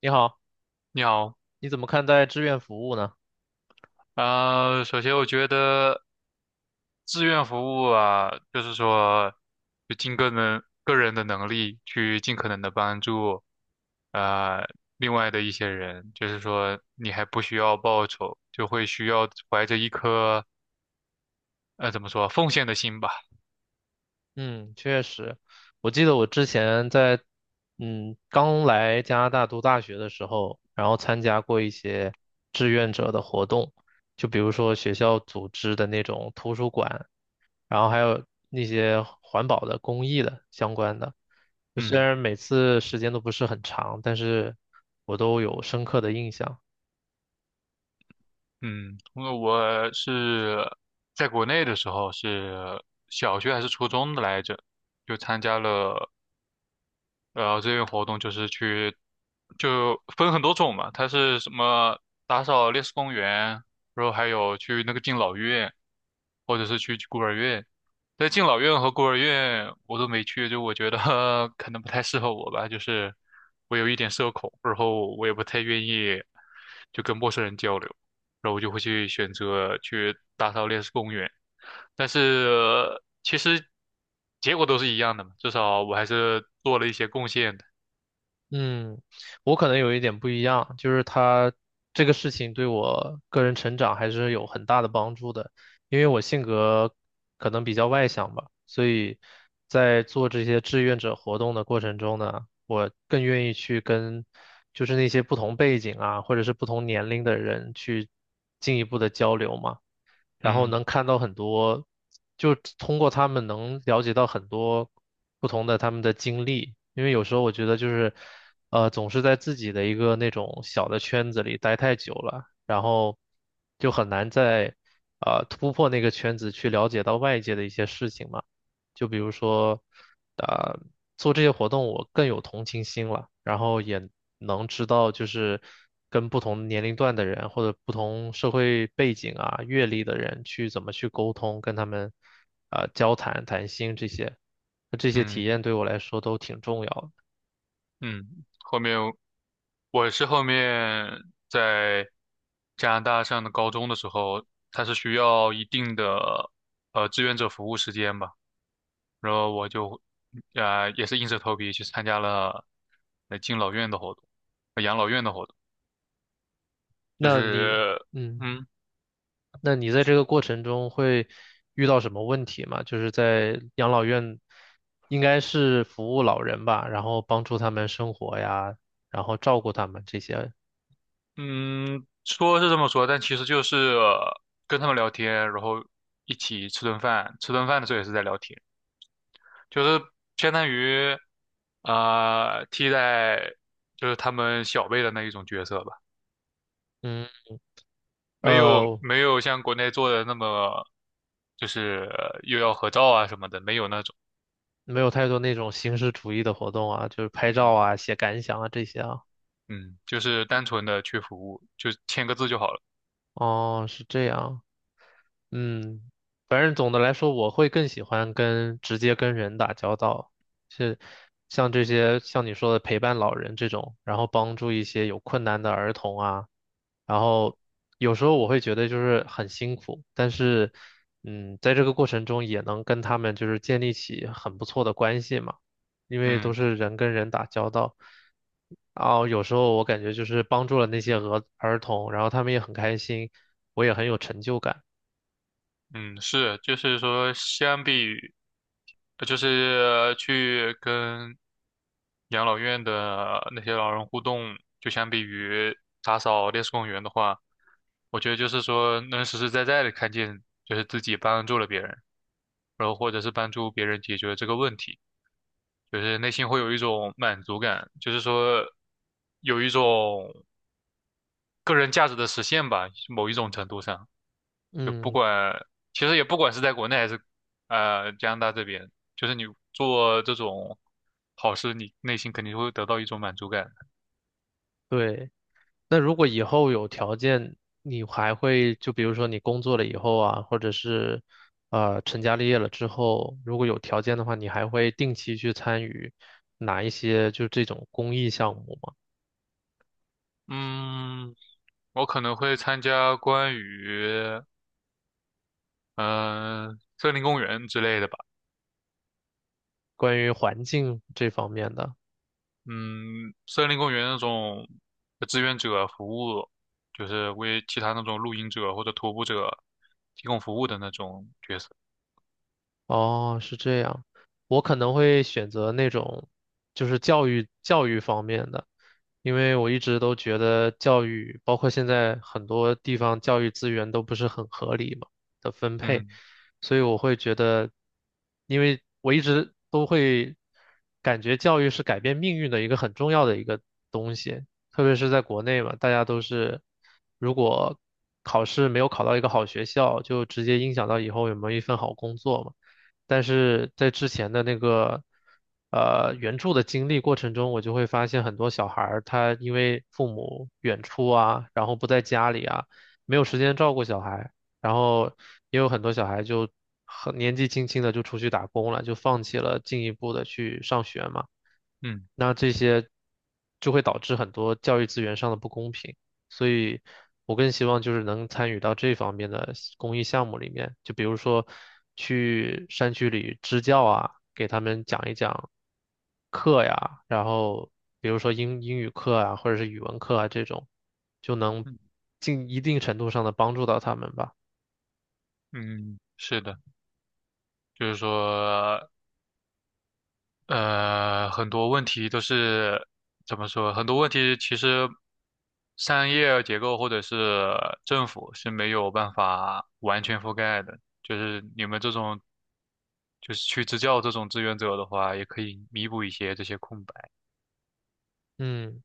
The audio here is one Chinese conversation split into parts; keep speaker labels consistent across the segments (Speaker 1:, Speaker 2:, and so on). Speaker 1: 你好，
Speaker 2: 你好。
Speaker 1: 你怎么看待志愿服务呢？
Speaker 2: 首先我觉得志愿服务啊，就是说，就尽个人的能力去尽可能的帮助，呃，另外的一些人，就是说你还不需要报酬，就会需要怀着一颗怎么说奉献的心吧。
Speaker 1: 嗯，确实，我记得我之前在刚来加拿大读大学的时候，然后参加过一些志愿者的活动，就比如说学校组织的那种图书馆，然后还有那些环保的、公益的相关的。就虽
Speaker 2: 嗯
Speaker 1: 然每次时间都不是很长，但是我都有深刻的印象。
Speaker 2: 嗯。因为我是在国内的时候是小学还是初中的来着，就参加了，然后志愿活动就是去，就分很多种嘛，它是什么打扫烈士公园，然后还有去那个敬老院，或者是去孤儿院。在敬老院和孤儿院我都没去，就我觉得 可能不太适合我吧，就是我有一点社恐，然后我也不太愿意就跟陌生人交流，然后我就会去选择去打扫烈士公园。但是其实结果都是一样的嘛，至少我还是做了一些贡献的。
Speaker 1: 嗯，我可能有一点不一样，就是他这个事情对我个人成长还是有很大的帮助的，因为我性格可能比较外向吧，所以在做这些志愿者活动的过程中呢，我更愿意去跟就是那些不同背景啊，或者是不同年龄的人去进一步的交流嘛。然后
Speaker 2: 嗯
Speaker 1: 能看到很多，就通过他们能了解到很多不同的他们的经历，因为有时候我觉得就是，总是在自己的一个那种小的圈子里待太久了，然后就很难再，突破那个圈子去了解到外界的一些事情嘛。就比如说，啊、做这些活动我更有同情心了，然后也能知道就是跟不同年龄段的人或者不同社会背景啊、阅历的人去怎么去沟通，跟他们啊、交谈、谈心这些，那这些体
Speaker 2: 嗯
Speaker 1: 验对我来说都挺重要的。
Speaker 2: 嗯。我是后面在加拿大上的高中的时候，它是需要一定的志愿者服务时间吧，然后我就也是硬着头皮去参加了敬老院的活动，养老院的活动，就
Speaker 1: 那你，
Speaker 2: 是。
Speaker 1: 嗯。
Speaker 2: 嗯。
Speaker 1: 那你在这个过程中会遇到什么问题吗？就是在养老院，应该是服务老人吧，然后帮助他们生活呀，然后照顾他们这些。
Speaker 2: 嗯，说是这么说，但其实就是跟他们聊天，然后一起吃顿饭，吃顿饭的时候也是在聊天，就是相当于替代就是他们小辈的那一种角色吧。
Speaker 1: 嗯，
Speaker 2: 没有
Speaker 1: 呃，
Speaker 2: 没有像国内做的那么就是又要合照啊什么的，没有那种。
Speaker 1: 没有太多那种形式主义的活动啊，就是拍照
Speaker 2: 嗯
Speaker 1: 啊、写感想啊这些啊。
Speaker 2: 嗯。就是单纯的去服务，就签个字就好了。
Speaker 1: 哦，是这样。嗯，反正总的来说，我会更喜欢跟直接跟人打交道，是像这些像你说的陪伴老人这种，然后帮助一些有困难的儿童啊，然后有时候我会觉得就是很辛苦，但是嗯，在这个过程中也能跟他们就是建立起很不错的关系嘛，因为都
Speaker 2: 嗯。
Speaker 1: 是人跟人打交道，然后有时候我感觉就是帮助了那些儿童，然后他们也很开心，我也很有成就感。
Speaker 2: 嗯，是，就是说，相比于就是去跟养老院的那些老人互动，就相比于打扫烈士公园的话，我觉得就是说，能实实在在的看见，就是自己帮助了别人，然后或者是帮助别人解决这个问题，就是内心会有一种满足感，就是说，有一种个人价值的实现吧，某一种程度上。就不
Speaker 1: 嗯，
Speaker 2: 管，其实也不管是在国内还是加拿大这边，就是你做这种好事，你内心肯定会得到一种满足感。
Speaker 1: 对。那如果以后有条件，你还会就比如说你工作了以后啊，或者是成家立业了之后，如果有条件的话，你还会定期去参与哪一些就这种公益项目吗？
Speaker 2: 嗯，我可能会参加关于森林公园之类的吧。
Speaker 1: 关于环境这方面的。
Speaker 2: 嗯，森林公园那种志愿者服务，就是为其他那种露营者或者徒步者提供服务的那种角色。
Speaker 1: 哦，是这样，我可能会选择那种就是教育方面的，因为我一直都觉得教育，包括现在很多地方教育资源都不是很合理嘛的分配，
Speaker 2: 嗯
Speaker 1: 所以我会觉得，因为我一直都会感觉教育是改变命运的一个很重要的一个东西，特别是在国内嘛，大家都是如果考试没有考到一个好学校，就直接影响到以后有没有一份好工作嘛。但是在之前的那个援助的经历过程中，我就会发现很多小孩儿他因为父母远出啊，然后不在家里啊，没有时间照顾小孩，然后也有很多小孩就很年纪轻轻的就出去打工了，就放弃了进一步的去上学嘛。
Speaker 2: 嗯
Speaker 1: 那这些就会导致很多教育资源上的不公平，所以我更希望就是能参与到这方面的公益项目里面，就比如说去山区里支教啊，给他们讲一讲课呀，然后比如说英语课啊，或者是语文课啊这种，就能
Speaker 2: 嗯
Speaker 1: 尽一定程度上的帮助到他们吧。
Speaker 2: 嗯，是的，就是说。很多问题都是怎么说？很多问题其实商业结构或者是政府是没有办法完全覆盖的。就是你们这种，就是去支教这种志愿者的话，也可以弥补一些这些空白。
Speaker 1: 嗯。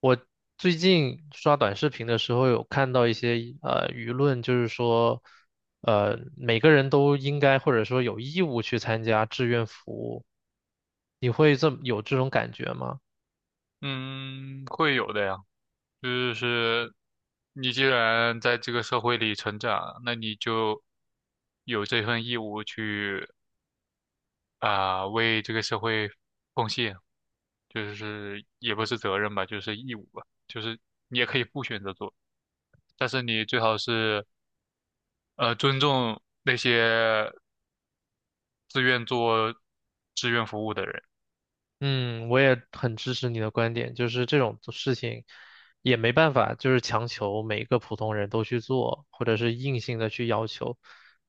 Speaker 1: 我最近刷短视频的时候，有看到一些舆论，就是说，每个人都应该或者说有义务去参加志愿服务。你会这么有这种感觉吗？
Speaker 2: 嗯，会有的呀。就是你既然在这个社会里成长，那你就有这份义务去为这个社会贡献，就是也不是责任吧，就是义务吧，就是你也可以不选择做，但是你最好是尊重那些自愿做志愿服务的人。
Speaker 1: 嗯，我也很支持你的观点，就是这种事情也没办法，就是强求每个普通人都去做，或者是硬性的去要求，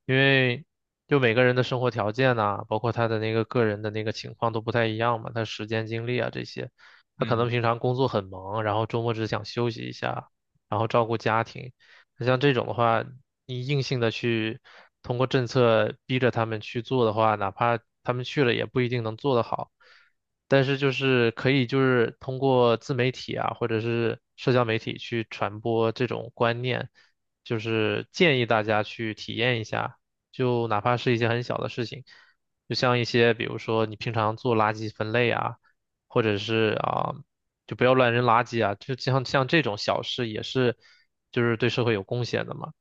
Speaker 1: 因为就每个人的生活条件呐、包括他的那个个人的那个情况都不太一样嘛，他时间精力啊这些，他可能
Speaker 2: 嗯
Speaker 1: 平常工作很忙，然后周末只想休息一下，然后照顾家庭，那像这种的话，你硬性的去通过政策逼着他们去做的话，哪怕他们去了也不一定能做得好。但是就是可以就是通过自媒体啊，或者是社交媒体去传播这种观念，就是建议大家去体验一下，就哪怕是一些很小的事情，就像一些比如说你平常做垃圾分类啊，或者是啊，就不要乱扔垃圾啊，像这种小事也是就是对社会有贡献的嘛。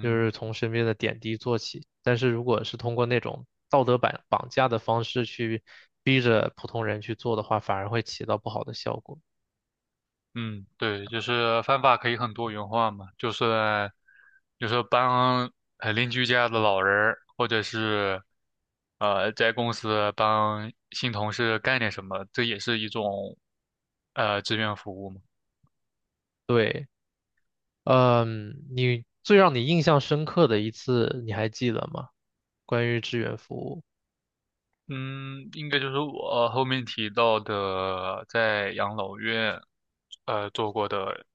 Speaker 1: 就是从身边的点滴做起。但是如果是通过那种道德绑架的方式去逼着普通人去做的话，反而会起到不好的效果。
Speaker 2: 嗯，对，就是方法可以很多元化嘛，就是帮邻居家的老人儿或者是在公司帮新同事干点什么，这也是一种志愿服务嘛。
Speaker 1: 对，嗯，让你印象深刻的一次，你还记得吗？关于志愿服务。
Speaker 2: 嗯，应该就是我后面提到的在养老院做过的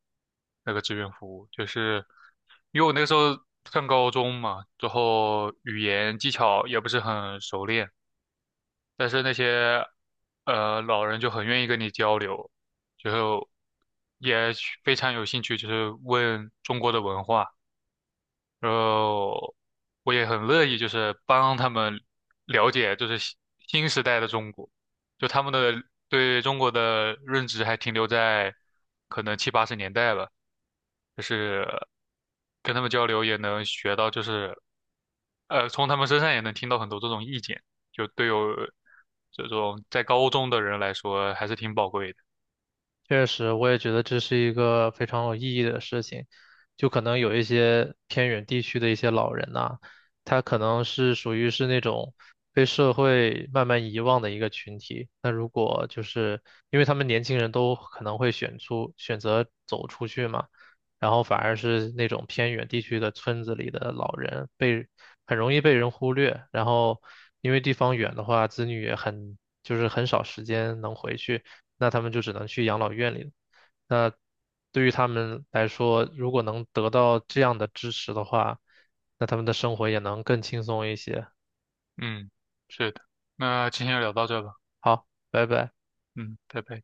Speaker 2: 那个志愿服务，就是因为我那个时候上高中嘛，之后语言技巧也不是很熟练。但是那些老人就很愿意跟你交流，就也非常有兴趣，就是问中国的文化。然后我也很乐意就是帮他们了解就是新时代的中国，就他们的对中国的认知还停留在可能七八十年代吧，就是跟他们交流也能学到就是从他们身上也能听到很多这种意见，就对有这种在高中的人来说还是挺宝贵的。
Speaker 1: 确实，我也觉得这是一个非常有意义的事情。就可能有一些偏远地区的一些老人呐、他可能是属于是那种被社会慢慢遗忘的一个群体。那如果就是因为他们年轻人都可能会选择走出去嘛，然后反而是那种偏远地区的村子里的老人被很容易被人忽略，然后因为地方远的话，子女也很就是很少时间能回去，那他们就只能去养老院里了，那对于他们来说，如果能得到这样的支持的话，那他们的生活也能更轻松一些。
Speaker 2: 嗯，是的，那今天就聊到这吧。
Speaker 1: 好，拜拜。
Speaker 2: 嗯，拜拜。